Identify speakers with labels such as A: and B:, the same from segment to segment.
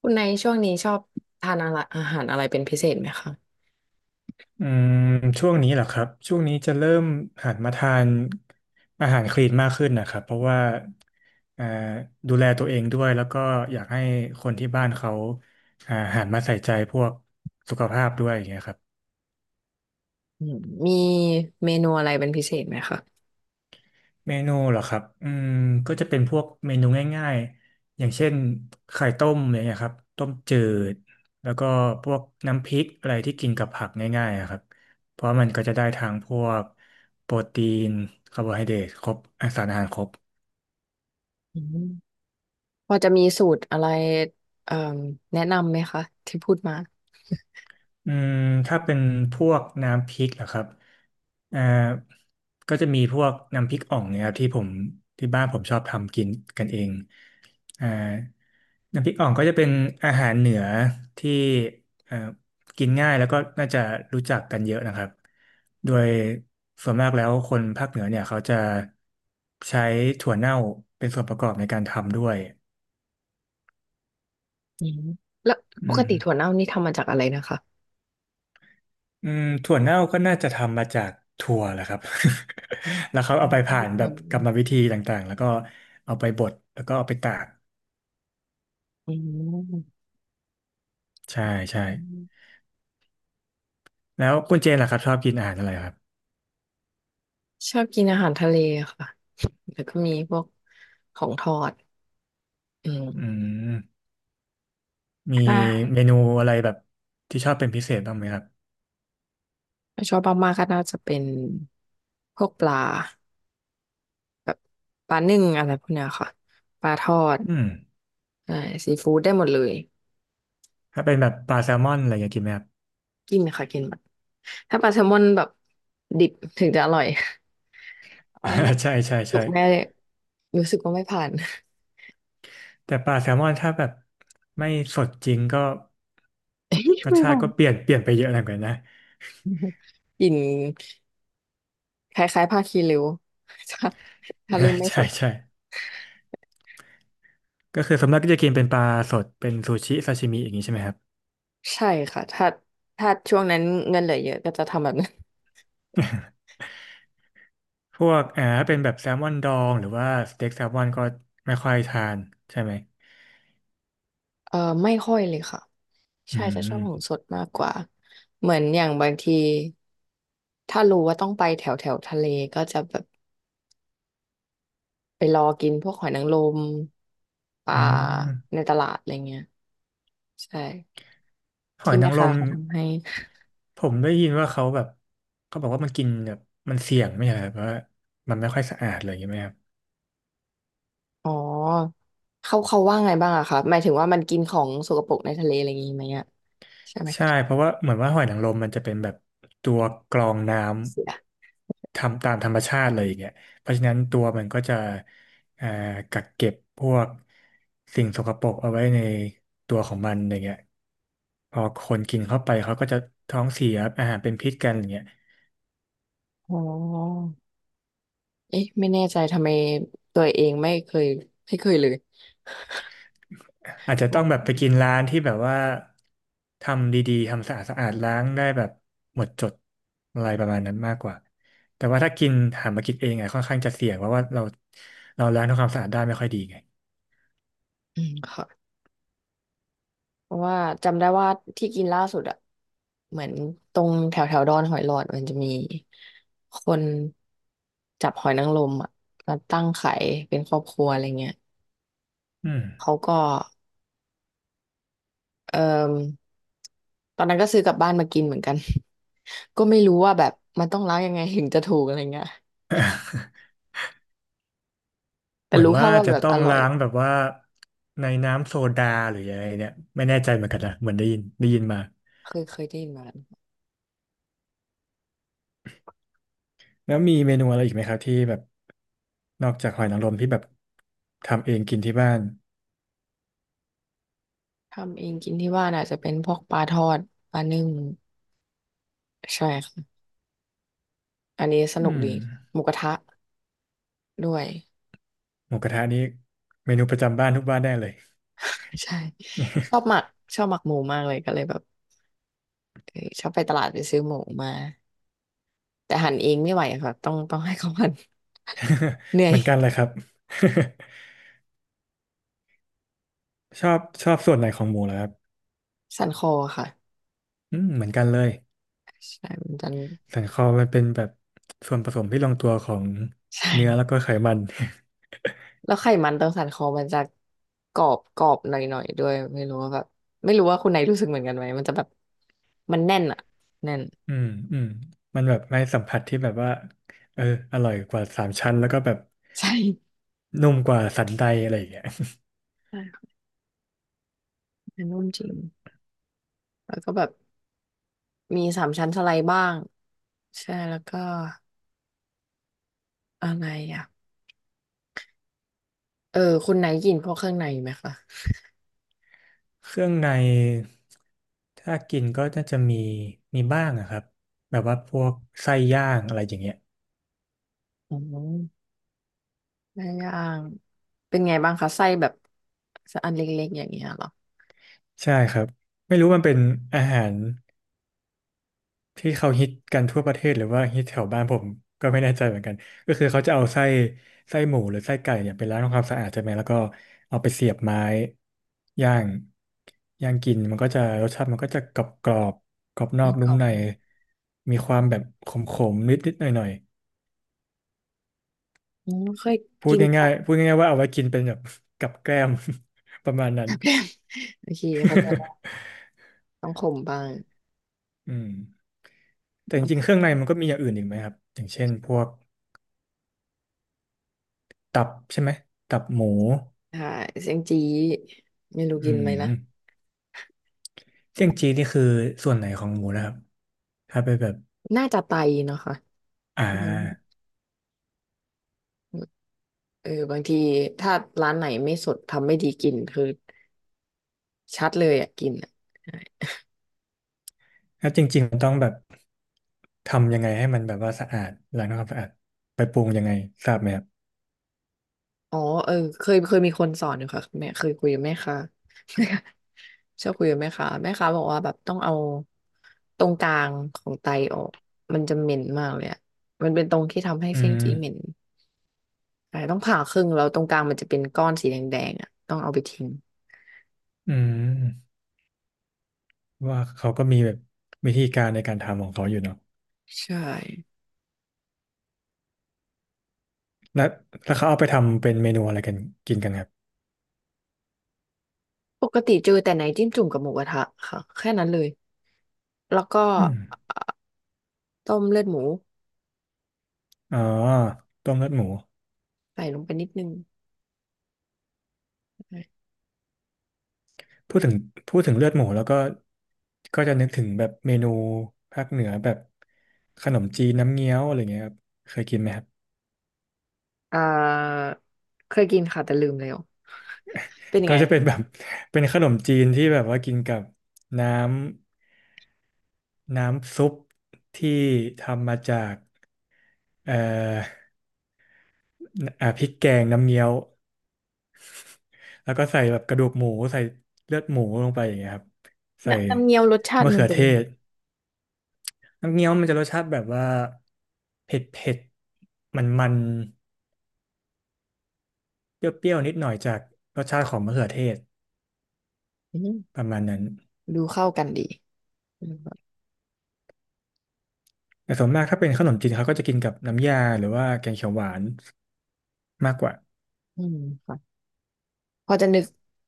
A: คุณในช่วงนี้ชอบทานอะไรอาหารอะไรเป็นพิเศษไหมคะ
B: อืมช่วงนี้เหรอครับ ช่วงนี้จะเริ่มหันมาทานอาหารคลีนมากขึ้นนะครับ เพราะว่าอ่าดูแลตัวเองด้วยแล้วก็อยากให้คนที่บ้านเขาหันมาใส่ใจพวกสุขภาพด้วยอย่างเงี้ยครับ
A: อืมมีเมนูอะไรเป็นพิเศษไหมคะ
B: เมนูเหรอครับก็จะเป็นพวกเมนูง่ายๆ อย่างเช่นไข่ต้มอะไรเงี้ยครับ ต้มจืดแล้วก็พวกน้ำพริกอะไรที่กินกับผักง่ายๆอะครับเพราะมันก็จะได้ทางพวกโปรตีนคาร์โบไฮเดรตครบอ่ะสารอาหารครบ
A: อืม พอจะมีสูตรอะไรเอ่แนะนำไหมคะที่พูดมา
B: อืมถ้าเป็นพวกน้ำพริกเหรอครับอ่าก็จะมีพวกน้ำพริกอ่องเนี่ยครับที่บ้านผมชอบทำกินกันเอง อ่าน้ำพริกอ่องก็จะเป็นอาหารเหนือที่เอ่อกินง่ายแล้วก็น่าจะรู้จักกันเยอะนะครับโดยส่วนมากแล้วคนภาคเหนือเนี่ยเขาจะใช้ถั่วเน่าเป็นส่วนประกอบในการทำด้วย
A: อืมแล้วป
B: อื
A: ก
B: ม
A: ติถั่วเน่านี่ทำมาจากอะไรนะคะ
B: ถั่วเน่าก็น่าจะทำมาจากถั่วแหละครับ แล้วเขา
A: อื
B: เอา
A: ม
B: ไปผ่าน
A: ถั่
B: แบ
A: ว
B: บกรรมวิธีต่างๆแล้วก็เอาไปบดแล้วก็เอาไปตาก
A: อืม
B: ใช่ใช่
A: อืม
B: แล้วคุณเจนล่ะครับชอบกินอาหารอะไรครับ
A: ชอบกินอาหารทะเลค่ะแล้วก็มีพวกของทอดอื
B: อื
A: ม
B: ม มี
A: ค่ะ
B: เมนูอะไรแบบที่ชอบเป็นพิเศษบ้างไหมครับ
A: ถ้าชอบมากๆก็น่าจะเป็นพวกปลาปลานึ่งอะไรพวกเนี้ยค่ะปลาทอด
B: อืม
A: ใช่ซีฟู้ดได้หมดเลย
B: ถ้าเป็นแบบปลาแซลมอนอะไรอย่างเงี้ยกินไหมครับ
A: กินค่ะกินหมดถ้าปลาแซลมอนแบบดิบถึงจะอร่อย ว่าท
B: ใช่ใช่
A: ำสุ
B: ใช่
A: กแม่เลยรู้สึกว่าไม่ผ่าน
B: แต่ปลาแซลมอนถ้าแบบไม่สดจริงก็
A: เอ้ย
B: รสชา
A: ไม่้า
B: ติ
A: ง
B: ก็เปลี่ยนไปเยอะเหมือนกันนะ
A: กลิ่นคล้ายๆผ้าคีริ้วถ้า
B: ใช
A: ลืมไม่ส
B: ่
A: ด
B: ใช่ก็คือส่วนมากก็จะกินเป็นปลาสดเป็นซูชิซาชิมิอย่างนี้ใช่ไหมครับ
A: ใช่ค่ะถ้าช่วงนั้นเงินเหลือเยอะก็จะทำแบบนั้น
B: พวกถ้าเป็นแบบแซลมอนดองหรือว่าสเต็กแซลมอนก็ไม่ค่อยทานใช่ไหม
A: เออไม่ค่อยเลยค่ะ
B: อื
A: ใช่จะชอบของ
B: ม
A: สดมากกว่าเหมือนอย่างบางทีถ้ารู้ว่าต้องไปแถวแถวทะเลก็จะแบบไปรอกินพวกหอยนางรมปลา
B: อื
A: ใน
B: ม
A: ตลาดอะไรเงี้ยใช่
B: หอ
A: ที่
B: ยนา
A: แม่
B: งร
A: ค้า
B: ม
A: เขาทำให้
B: ผมได้ยินว่าเขาแบบเขาบอกว่ามันกินแบบมันเสี่ยงไม่ใช่เหรอครับเพราะว่ามันไม่ค่อยสะอาดเลยใช่างเงี้ยไหมครับ
A: อ๋อเขาว่าไงบ้างอะคะหมายถึงว่ามันกินของสกปรกในทะเลอะไรอย่างงี้ไหมอะใช่ไหม
B: ใช่เพราะว่าเหมือนว่าหอยนางรมมันจะเป็นแบบตัวกรองน้
A: เสีย
B: ำทำตามธรรมชาติเลยอย่างเงี้ยเพราะฉะนั้นตัวมันก็จะเอ่อกักเก็บพวกสิ่งสกปรกเอาไว้ในตัวของมันอย่างเงี้ยพอคนกินเข้าไปเขาก็จะท้องเสียอาหารเป็นพิษกันอย่างเงี้ย
A: อ๋อเอ๊ะไม่แน่ใจทำไมตัวเองไม่เคยไม่เคยเลย
B: อาจจะ
A: ง
B: ต้อ
A: ง
B: งแบ
A: เห
B: บ
A: มือ
B: ไป
A: นกัน
B: กินร้านที่แบบว่าทำดีๆทำสะอาดสะอาดล้างได้แบบหมดจดอะไรประมาณนั้นมากกว่าแต่ว่าถ้ากินหามากินเองอะค่อนข้างจะเสี่ยงเพราะว่าเราล้างทำความสะอาดได้ไม่ค่อยดีไง
A: อืมค่ะเพราะว่าจำได้ว่าที่กินล่าสุดอะเหมือนตรงแถวแถวดอนหอยหลอดมันจะมีคนจับหอยนางรมอะมาตั้งขายเป็นครอบครัวอะไรเงี้ย
B: อืม
A: เขาก็ เอ่มตอนนั้นก็ซื้อกลับบ้านมากินเหมือนกัน ก็ไม่รู้ว่าแบบมันต้องล้างยังไงถึงจะถูกอะไรเงี้ยแต่
B: เหมือน
A: รู้แค่
B: ว่า
A: ว่า
B: จะ
A: แบบ
B: ต้อ
A: อ
B: ง
A: ร่อย
B: ล้างแบบว่าในน้ำโซดาหรืออะไรเนี่ยไม่แน่ใจเหมือนกันนะเหมือนได้ยินมา
A: เคยได้ยินมา
B: แล้วมีเมนูอะไรอีกไหมครับที่แบบนอกจากหอยนางรมที่แบบทำเองกินที่บ้าน
A: ทำเองกินที่บ้านอาจจะเป็นพวกปลาทอดปลานึ่งใช่ค่ะอันนี้สนุ
B: อื
A: กดี
B: ม
A: หมูกระทะด้วย
B: หมูกระทะนี่เมนูประจำบ้านทุกบ้านแน่เลย
A: ใช่ชอบหมักหมูมากเลยก็เลยแบบเออชอบไปตลาดไปซื้อหมูมาแต่หั่นเองไม่ไหวค่ะต้องให้เขาหั่นเห นื่อ
B: เห
A: ย
B: มือ นกันเลยครับ ชอบชอบส่วนไหนของหมูเหรอครับ
A: สั่นคอค่ะ
B: เหมือนกันเลย
A: ใช่มันจะ
B: สันคอมันเป็นแบบส่วนผสมที่ลงตัวของ
A: ใช่
B: เนื้อแล้วก็ไขมัน
A: แล้วไขมันตรงสันคอมันจะกรอบหน่อยด้วยไม่รู้ว่าแบบไม่รู้ว่าคุณไหนรู้สึกเหมือนกันไหมมันจะแบบมันแน่นอะแน่น
B: อืมอืมมันแบบไม่สัมผัสที่แบบว่าเอออร่อยกว่าสามชั้นแล้วก็แบบ
A: ใช่
B: นุ่มกว่าสันใดอะไรอย่างเงี้ย
A: ใช่ค่ะมันนุ่มจริงแล้วก็แบบมีสามชั้นสไลด์บ้างใช่แล้วก็อะไรอ่ะเออคุณไหนกินพวกเครื่องในไหมคะ
B: เครื่องในถ้ากินก็น่าจะมีมีบ้างอะครับแบบว่าพวกไส้ย่างอะไรอย่างเงี้ย
A: อ๋อได้ย่างเป็นไงบ้างคะไส้แบบอันเล็กๆอย่างเงี้ยเหรอ
B: ใช่ครับไม่รู้มันเป็นอาหาร ที่เขาฮิตกันทั่วประเทศหรือว่าฮิตแถวบ้านผมก็ไม่แน่ใจเหมือนกันก็คือเขาจะเอาไส้หมูหรือไส้ไก่เนี่ยไปล้างทำความสะอาดใช่ไหมแล้วก็เอาไปเสียบไม้ย่างย่างกินมันก็จะรสชาติมันก็จะกรอบกรอบกรอบนอ
A: ไม่
B: ก
A: ก
B: นุ่
A: ร
B: ม
A: อบ
B: ใน
A: ไหม
B: มีความแบบขมขมนิดนิดหน่อยหน่อย
A: อ๋อเคย
B: ๆพูด
A: กิน
B: ง่า
A: ค่ะ
B: ย ๆพูดง่ายๆว่าเอาไว้กินเป็นแบบกับแกล้ม ประมาณนั้
A: แบ
B: น
A: บโอเคเขาใจได้ต้องขมบ้าง
B: อืมแต่จริงๆเครื่องในมันก็มีอย่างอื่นอีกไหมครับอย่างเช่นพวกตับใช่ไหมตับหมู
A: ใช่เสียงจี้ไม่รู้
B: อื
A: กินไหมนะ
B: มเจียงจีนี่คือส่วนไหนของหมูนะครับถ้าไปแบบ
A: น่าจะไตเนาะค่ะ
B: อ่
A: อืม
B: า
A: เออบางทีถ้าร้านไหนไม่สดทำไม่ดีกลิ่นคือชัดเลยอ่ะกลิ่นอะใช่
B: ถ้าจริงๆมันต้องแบบทำยังไงให้มันแบบว่าสะอาดล้างทำความสะอาดไปปรุงยังไงทราบไหมครับ
A: อ๋อเออเคยมีคนสอนอยู่ค่ะแม่เคยคุยกับแม่ค้า แม่ค้าชอบคุยกับแม่ค้าแม่ค้าบอกว่าแบบต้องเอาตรงกลางของไตออกมันจะเหม็นมากเลยอ่ะมันเป็นตรงที่ทำให้
B: อื
A: เสียงจีเหม็น
B: ม
A: ใช่ต้องผ่าครึ่งแล้วตรงกลางมันจะเป็นก้อนสีแดงๆอ่ะต้องเอาไปทิ้ง
B: อืมว่าเขาก็มีแบบวิธีการในการทำของเขาอยู่เนาะ
A: ใช่
B: แล้วแล้วเขาเอาไปทำเป็นเมนูอะไรกันกินกันครับ
A: ปกติเจอแต่ไหนจิ้มจุ่มกับหมูกระทะค่ะแค่นั้นเลยแล้วก็
B: อืม
A: เอ่อต้มเลือดหมู
B: อ๋อต้มเลือดหมู
A: ใส่ลงไปนิดนึง
B: พูดถึงพูดถึงเลือดหมูแล้วก็ก็จะนึกถึงแบบเมนูภาคเหนือแบบขนมจีนน้ำเงี้ยวอะไรเงี้ยครับเคยกินไหมครับ
A: อ่าเคยกินค่ะแต่ลืมแล้วเป็นยัง
B: ก็
A: ไง
B: จะเป็
A: คะ
B: นแบบ เป็นขนมจีนที่แบบว่ากินกับน้ำน้ำซุปที่ทำมาจากเอ่อพริกแกงน้ำเงี้ยวแล้วก็ใส่แบบกระดูกหมูใส่เลือดหมูลงไปอย่างเงี้ยครับใส่
A: น้ำเงี้ยวรสชาติ
B: มะ
A: มัน
B: เขือ
A: เป็น
B: เท
A: ยังไง
B: ศน้ำเงี้ยวมันจะรสชาติแบบว่าเผ็ดเผ็ดมันมัน เปรี้ยวๆนิดหน่อยจากรสชาติของมะเขือเทศ
A: อืม
B: ประมาณนั้น
A: ดูเข้ากันดีอืม
B: แต่ส่วนมากถ้าเป็นขนมจีนเขาก็จะกินกับน้ำยาหรือว่าแกงเขียวหวานมากกว่า
A: อืมค่ะพอจะนึก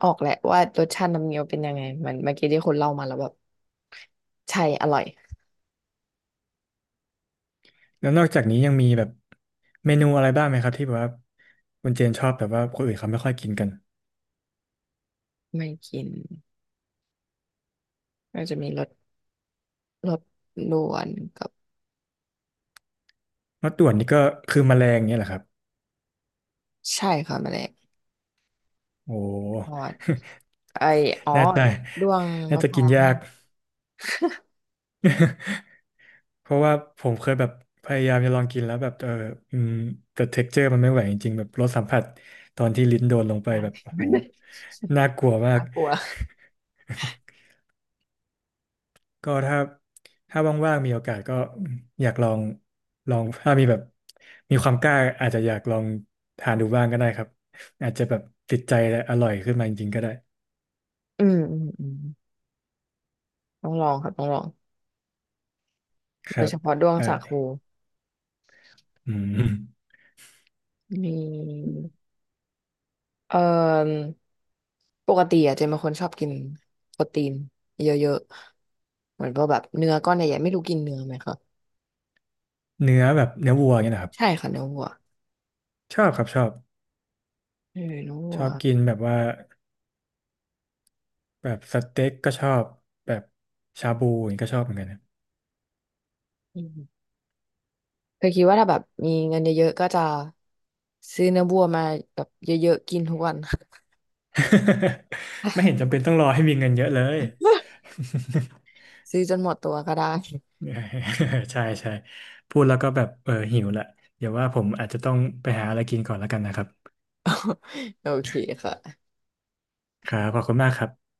A: ออกแหละว่ารสชาติน้ำเงี้ยวเป็นยังไงมันเมื่อกี้ที่คนเล่ามาแล้วแบบใช่อร่อย
B: แล้วนอกจากนี้ยังมีแบบเมนูอะไรบ้างไหมครับที่แบบว่าคุณเจนชอบแต่ว่าคนอื่นเขาไม่ค่อยกินกัน
A: ไม่กินก็จะมีรสรสลวนกับ
B: มะต่วนนี่ก็คือแมลงเนี่ยแหละครับ
A: ใช่ค่ะแมลง
B: โอ้
A: ทอด ไออ๋อ
B: น่าจะ
A: ด้วง
B: น่า
A: มะ
B: จะ
A: พ
B: กิ
A: ร้า
B: น
A: ว
B: ยา
A: นั่
B: ก
A: น
B: เพราะว่าผมเคยแบบพยายามจะลองกินแล้วแบบอืมแต่เท็กเจอร์มันไม่ไหวจริงๆแบบรสสัมผัสตอนที่ลิ้นโดนลงไปแบบโอ้
A: นะ
B: โหน่ากลัวมาก
A: น่ากลัว
B: ก็ถ้าถ้าว่างๆมีโอกาสก็อยากลองลองถ้ามีแบบมีความกล้าอาจจะอยากลองทานดูบ้างก็ได้ครับอาจจะแบบติดใจและอร่อยขึ้นมาจริงๆก็ได้
A: อืมอืมอืมต้องลองค่ะต้องลอง
B: ค
A: โด
B: รั
A: ย
B: บ
A: เฉพาะด้วง
B: เออ
A: สาคู
B: อืม
A: มีเอ่อปกติอะเจนเป็นคนชอบกินโปรตีนเยอะๆเหมือนพวกแบบเนื้อก้อนใหญ่ๆไม่รู้กินเนื้อไหมคะ
B: เนื้อแบบเนื้อวัวเนี่ยนะครับ
A: ใช่ค่ะเนื้อวัว
B: ชอบครับชอบ
A: เออเนื้อวั
B: ช
A: ว
B: อบกินแบบว่า แบบสเต็กก็ชอบแบบชาบูอย่างนี้ก็ชอบเหมือนกันนะ
A: อืมเคยคิดว่าถ้าแบบมีเงินเยอะๆก็จะซื้อเนื้อวัวมาแบบเยอะๆกินทุกวัน
B: ไม่เห็นจำเป็นต้องรอให้มีเงินเยอะเลย
A: ซื้อจนหมดตัวก็ได้
B: ใช่ใช่พูดแล้วก็แบบหิวละเดี๋ยวว่าผมอาจจะต้องไปหาอะไรกินก่อนแล้วกันนะครับ
A: โอเคค่ะ
B: ครับขอบคุณมากครับ